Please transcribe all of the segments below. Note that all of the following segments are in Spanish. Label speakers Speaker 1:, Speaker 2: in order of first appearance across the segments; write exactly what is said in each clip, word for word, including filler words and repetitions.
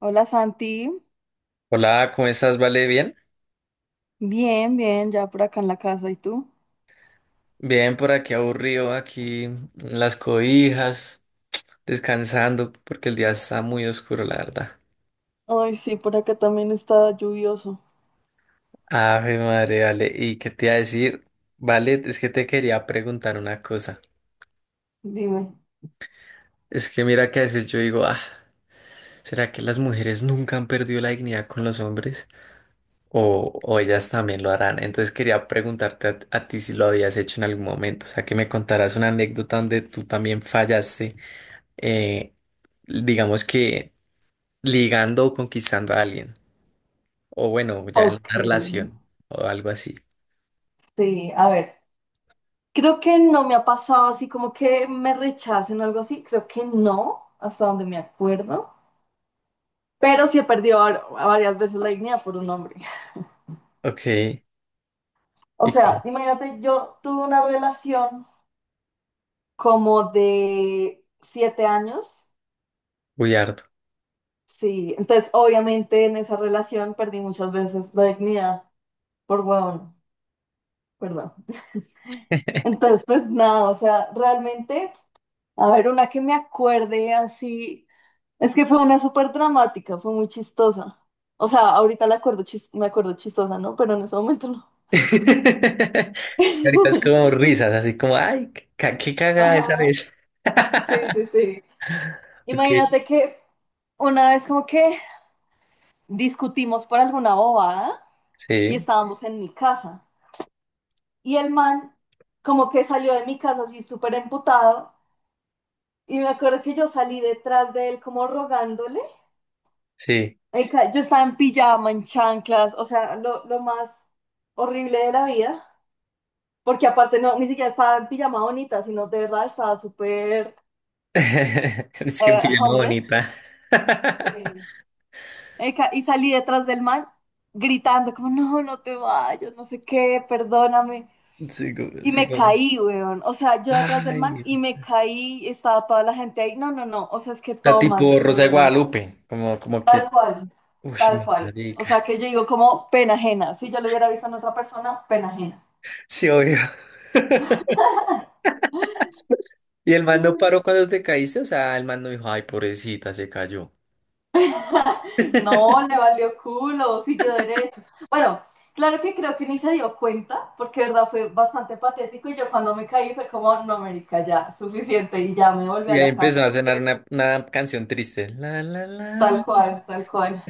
Speaker 1: Hola, Santi.
Speaker 2: Hola, ¿cómo estás? ¿Vale? ¿Bien?
Speaker 1: Bien, bien, ya por acá en la casa, ¿y tú?
Speaker 2: Bien, por aquí aburrido, aquí en las cobijas, descansando, porque el día está muy oscuro, la verdad.
Speaker 1: Ay, sí, por acá también está lluvioso.
Speaker 2: Ave madre, vale. ¿Y qué te iba a decir? Vale, es que te quería preguntar una cosa.
Speaker 1: Dime.
Speaker 2: Es que mira que a veces yo digo, ah, ¿será que las mujeres nunca han perdido la dignidad con los hombres? O, o ellas también lo harán. Entonces quería preguntarte a, a ti si lo habías hecho en algún momento. O sea, que me contaras una anécdota donde tú también fallaste. eh, digamos que ligando o conquistando a alguien. O bueno, ya en
Speaker 1: Ok,
Speaker 2: una relación o algo así.
Speaker 1: sí, a ver, creo que no me ha pasado así como que me rechacen o algo así, creo que no, hasta donde me acuerdo, pero sí he perdido var- varias veces la dignidad por un hombre.
Speaker 2: Ok,
Speaker 1: O
Speaker 2: y cu-
Speaker 1: sea, imagínate, yo tuve una relación como de siete años,
Speaker 2: uy, harto.
Speaker 1: sí, entonces obviamente en esa relación perdí muchas veces la dignidad por huevón. Perdón. Entonces, pues nada, o sea, realmente, a ver, una que me acuerde así, es que fue una súper dramática, fue muy chistosa. O sea, ahorita la acuerdo chis- me acuerdo chistosa, ¿no? Pero en ese momento no.
Speaker 2: Sí, ahorita es como risas, así como, ay, qué, ca- qué cagada esa
Speaker 1: Ajá,
Speaker 2: vez.
Speaker 1: sí, sí, sí.
Speaker 2: Ok,
Speaker 1: Imagínate que una vez como que discutimos por alguna bobada y
Speaker 2: sí,
Speaker 1: estábamos en mi casa. Y el man como que salió de mi casa así súper emputado. Y me acuerdo que yo salí detrás de él como rogándole,
Speaker 2: sí.
Speaker 1: el yo estaba en pijama, en chanclas, o sea, lo, lo más horrible de la vida, porque aparte no, ni siquiera estaba en pijama bonita, sino de verdad estaba súper
Speaker 2: Es que
Speaker 1: eh,
Speaker 2: pijama
Speaker 1: homeless.
Speaker 2: bonita.
Speaker 1: Sí. El Y salí detrás del man gritando como, no, no te vayas, no sé qué, perdóname.
Speaker 2: Sí, como,
Speaker 1: Y
Speaker 2: sí,
Speaker 1: me
Speaker 2: como,
Speaker 1: caí, weón. O sea, yo detrás del man
Speaker 2: ay.
Speaker 1: y
Speaker 2: O
Speaker 1: me caí, estaba toda la gente ahí. No, no, no. O sea, es que
Speaker 2: sea,
Speaker 1: todo mal,
Speaker 2: tipo
Speaker 1: de
Speaker 2: Rosa de
Speaker 1: verdad.
Speaker 2: Guadalupe, como, como
Speaker 1: Tal
Speaker 2: que,
Speaker 1: cual,
Speaker 2: uy,
Speaker 1: tal
Speaker 2: me
Speaker 1: cual. O
Speaker 2: marica.
Speaker 1: sea, que yo digo como pena ajena. Si yo lo hubiera visto en otra persona, pena ajena.
Speaker 2: Sí, obvio. Y el man no paró cuando te caíste, o sea, el man no dijo, ay, pobrecita, se cayó.
Speaker 1: No, le valió culo, siguió derecho. Bueno, claro que creo que ni se dio cuenta, porque de verdad fue bastante patético y yo cuando me caí fue como, no, América, ya, suficiente y ya me volví a
Speaker 2: Y ahí
Speaker 1: la
Speaker 2: empezó
Speaker 1: casa,
Speaker 2: a sonar una, una canción triste. La, la, la,
Speaker 1: tal
Speaker 2: la.
Speaker 1: cual, tal cual.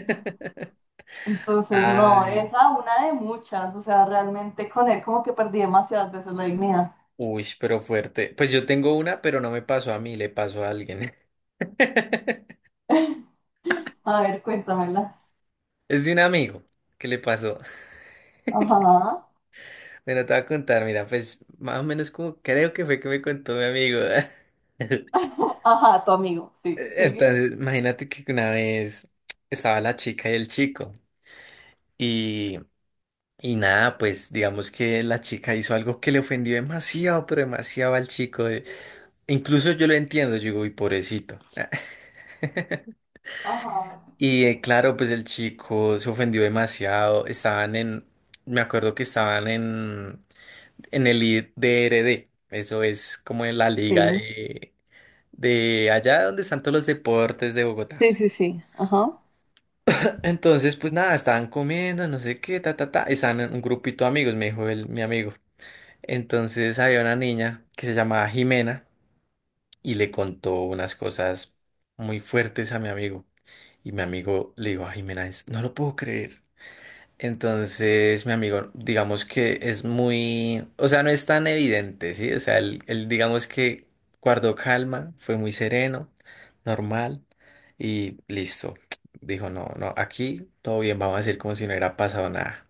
Speaker 1: Entonces, no,
Speaker 2: Ay,
Speaker 1: esa una de muchas, o sea, realmente con él como que perdí demasiadas veces la dignidad.
Speaker 2: uy, pero fuerte. Pues yo tengo una, pero no me pasó a mí, le pasó a alguien.
Speaker 1: A ver, cuéntamela.
Speaker 2: Es de un amigo que le pasó.
Speaker 1: Ajá,
Speaker 2: Bueno, te voy a contar, mira, pues más o menos como creo que fue que me contó mi amigo.
Speaker 1: ajá, tu amigo, sí, sí,
Speaker 2: Entonces, imagínate que una vez estaba la chica y el chico. y Y nada, pues digamos que la chica hizo algo que le ofendió demasiado, pero demasiado al chico. eh. Incluso yo lo entiendo, yo digo, uy, pobrecito.
Speaker 1: ajá,
Speaker 2: Y eh, claro, pues el chico se ofendió demasiado. Estaban en, me acuerdo que estaban en, en el I- D R D. Eso es como en la liga
Speaker 1: sí,
Speaker 2: de, de allá donde están todos los deportes de Bogotá.
Speaker 1: sí, sí, sí, ajá,
Speaker 2: Entonces, pues nada, estaban comiendo, no sé qué, ta, ta, ta. Estaban en un grupito de amigos, me dijo el, mi amigo. Entonces había una niña que se llamaba Jimena y le contó unas cosas muy fuertes a mi amigo. Y mi amigo le dijo a Jimena, "Es- no lo puedo creer". Entonces mi amigo, digamos que es muy, o sea, no es tan evidente, ¿sí? O sea, él, él, digamos que guardó calma, fue muy sereno, normal y listo. Dijo, no, no, aquí todo bien, vamos a decir como si no hubiera pasado nada.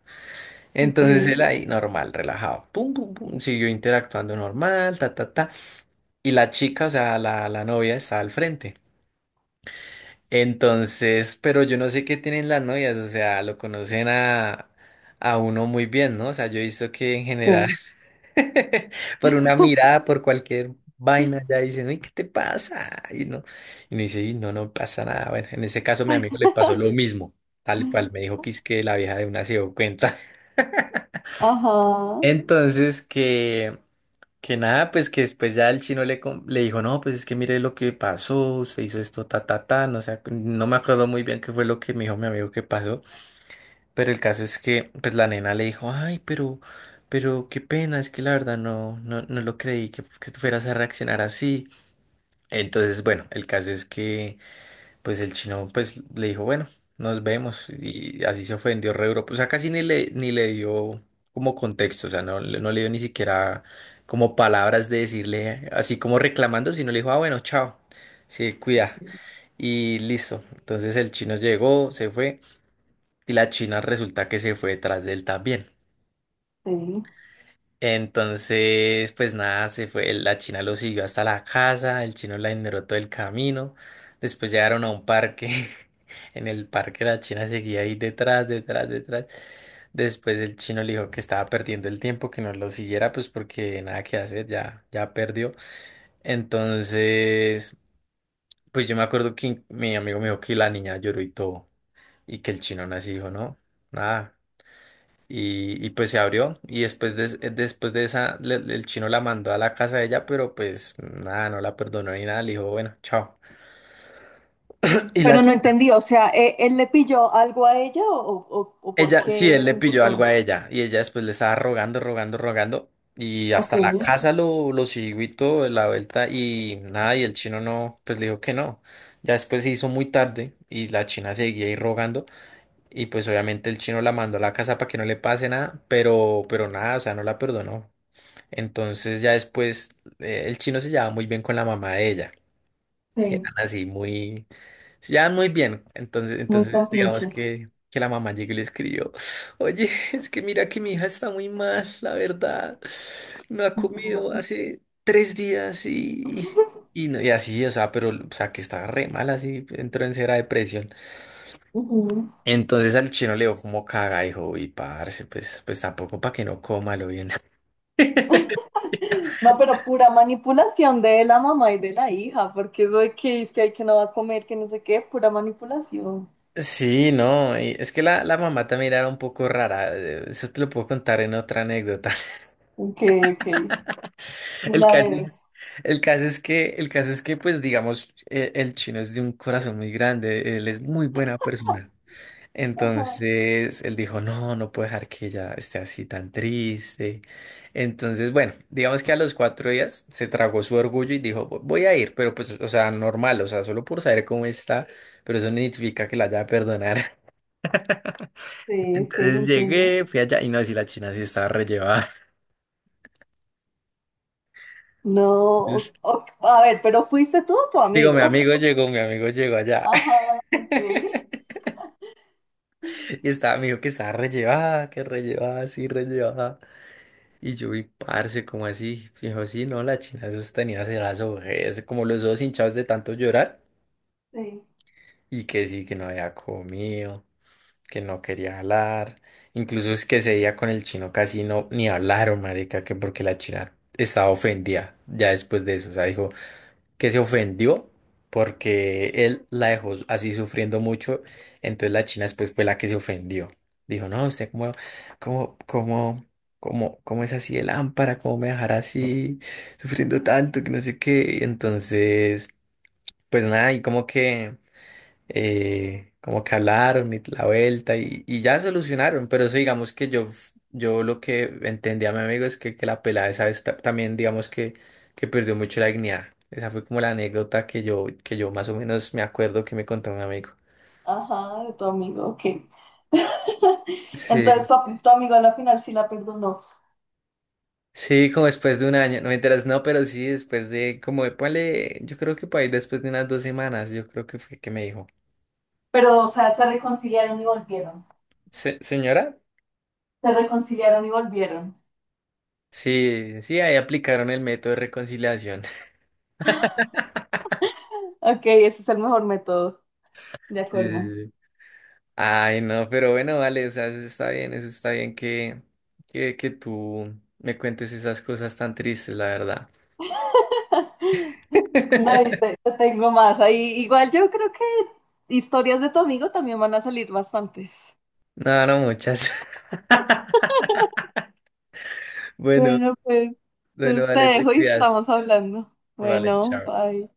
Speaker 1: ok,
Speaker 2: Entonces él ahí, normal, relajado, pum, pum, pum, siguió interactuando normal, ta, ta, ta. Y la chica, o sea, la, la novia estaba al frente. Entonces, pero yo no sé qué tienen las novias, o sea, lo conocen a, a uno muy bien, ¿no? O sea, yo he visto que en general,
Speaker 1: sí,
Speaker 2: por una mirada, por cualquier vaina, ya dicen, uy, ¿qué te pasa? Y no, y no dice, "Y no, no pasa nada". Bueno, en ese caso, mi amigo le pasó lo mismo, tal cual, me dijo que es que la vieja de una se dio cuenta.
Speaker 1: ajá.
Speaker 2: Entonces, que. Que nada, pues que después ya el chino le, com- le dijo, no, pues es que mire lo que pasó, usted hizo esto, ta, ta, ta, no sé, no me acuerdo muy bien qué fue lo que me dijo mi amigo que pasó, pero el caso es que, pues la nena le dijo, ay, pero, pero qué pena, es que la verdad no, no, no lo creí que, que tú fueras a reaccionar así. Entonces, bueno, el caso es que... pues el chino pues le dijo, bueno, nos vemos y así se ofendió re duro. O sea, casi ni le, ni le dio como contexto, o sea, no, le- no le dio ni siquiera como palabras de decirle, así como reclamando, sino le dijo, ah, bueno, chao, sí, cuida y listo. Entonces el chino llegó, se fue y la china resulta que se fue detrás de él también.
Speaker 1: Sí.
Speaker 2: Entonces, pues nada, se fue, la china lo siguió hasta la casa, el chino la ignoró todo el camino, después llegaron a un parque. En el parque la china seguía ahí detrás, detrás, detrás, después el chino le dijo que estaba perdiendo el tiempo, que no lo siguiera, pues porque nada que hacer, ya, ya perdió. Entonces, pues yo me acuerdo que mi amigo me dijo que la niña lloró y todo, y que el chino aún así dijo, no, nada. Y, y pues se abrió y después de, después de esa le- el chino la mandó a la casa de ella, pero pues nada, no la perdonó ni nada, le dijo, bueno, chao. Y
Speaker 1: Pero
Speaker 2: la
Speaker 1: no entendí, o sea, ¿e- ¿él le pilló algo a ella, o, o, o por
Speaker 2: ella, sí,
Speaker 1: qué
Speaker 2: él
Speaker 1: él
Speaker 2: le
Speaker 1: se
Speaker 2: pilló algo
Speaker 1: emputó?
Speaker 2: a ella y ella después le estaba rogando, rogando, rogando y
Speaker 1: Ok.
Speaker 2: hasta la casa lo, lo siguió y todo de la vuelta y nada, y el chino no, pues le dijo que no. Ya después se hizo muy tarde y la china seguía ahí rogando y pues obviamente el chino la mandó a la casa para que no le pase nada, pero, pero nada, o sea, no la perdonó. Entonces ya después eh, el chino se llevaba muy bien con la mamá de ella. Eran
Speaker 1: Sí.
Speaker 2: así muy, se llevaban muy bien. Entonces,
Speaker 1: Muy con
Speaker 2: entonces digamos
Speaker 1: pinches.
Speaker 2: que, que la mamá llegó y le escribió, oye, es que mira que mi hija está muy mal, la verdad. No ha comido
Speaker 1: Ujú.
Speaker 2: hace tres días y, y, no- y así, o sea, pero o sea que estaba re mal así, entró en cera depresión.
Speaker 1: Ujú.
Speaker 2: Entonces al chino le dio como caga, dijo, y parce, pues, pues tampoco para que no coma lo bien.
Speaker 1: No, pero pura manipulación de la mamá y de la hija, porque eso de que es que hay que no va a comer, que no sé qué, pura manipulación.
Speaker 2: Sí, no, y es que la, la mamá también era un poco rara, eh, eso te lo puedo contar en otra anécdota.
Speaker 1: Ok, ok, me
Speaker 2: El
Speaker 1: la
Speaker 2: caso
Speaker 1: debes.
Speaker 2: es, el caso es que, el caso es que, pues, digamos, eh, el chino es de un corazón muy grande, él es muy buena persona.
Speaker 1: Ajá,
Speaker 2: Entonces, él dijo, no, no puedo dejar que ella esté así tan triste. Entonces, bueno, digamos que a los cuatro días se tragó su orgullo y dijo, "Vo- voy a ir, pero pues, o sea, normal, o sea, solo por saber cómo está, pero eso no significa que la haya a perdonar".
Speaker 1: sí, ok,
Speaker 2: Entonces
Speaker 1: entiendo.
Speaker 2: llegué, fui allá y no, si la China sí estaba rellevada.
Speaker 1: No,
Speaker 2: Entonces,
Speaker 1: o- o- a ver, pero fuiste tú o tu
Speaker 2: digo, mi
Speaker 1: amigo.
Speaker 2: amigo llegó, mi amigo llegó allá.
Speaker 1: Ajá, ok,
Speaker 2: Y estaba, me dijo que estaba rellevada, que rellevada, sí, rellevada. Y yo vi, parce, como así. Y dijo, sí, no, la China esos tenía así las ojeras, como los ojos hinchados de tanto llorar.
Speaker 1: sí.
Speaker 2: Y que sí, que no había comido, que no quería hablar. Incluso es que ese día con el chino casi no ni hablaron, marica, que porque la China estaba ofendida ya después de eso. O sea, dijo, que se ofendió porque él la dejó así sufriendo mucho. Entonces la china después fue la que se ofendió. Dijo, no, usted cómo, cómo, cómo, cómo, cómo es así de lámpara, cómo me dejará así sufriendo tanto, que no sé qué. Entonces, pues nada, y como que eh, como que hablaron y la vuelta y, y ya solucionaron, pero eso digamos que yo, f- yo lo que entendí a mi amigo es que, que la pelada esa vez ta- también digamos que, que perdió mucho la dignidad. Esa fue como la anécdota que yo, que yo más o menos me acuerdo que me contó un amigo.
Speaker 1: Ajá, de tu amigo, ok. Entonces,
Speaker 2: Sí,
Speaker 1: tu, tu amigo a la final sí la perdonó.
Speaker 2: sí, como después de un año, no me enteras, no, pero sí, después de, como, de, ponle, yo creo que por ahí después de unas dos semanas, yo creo que fue que me dijo.
Speaker 1: Pero, o sea, ¿se reconciliaron y volvieron?
Speaker 2: "Se- señora?
Speaker 1: Se reconciliaron y volvieron.
Speaker 2: Sí, sí, ahí aplicaron el método de reconciliación.
Speaker 1: Ok, ese es el mejor método, de
Speaker 2: Sí,
Speaker 1: acuerdo.
Speaker 2: sí, ay, no, pero bueno, vale, o sea, eso está bien, eso está bien que, que, que tú me cuentes esas cosas tan tristes, la verdad.
Speaker 1: No, y te- te tengo más ahí. Igual yo creo que historias de tu amigo también van a salir bastantes.
Speaker 2: No, no muchas. Bueno,
Speaker 1: Bueno, pues,
Speaker 2: bueno,
Speaker 1: pues te
Speaker 2: vale, te
Speaker 1: dejo y
Speaker 2: cuidas.
Speaker 1: estamos hablando.
Speaker 2: Vale,
Speaker 1: Bueno,
Speaker 2: chao.
Speaker 1: bye.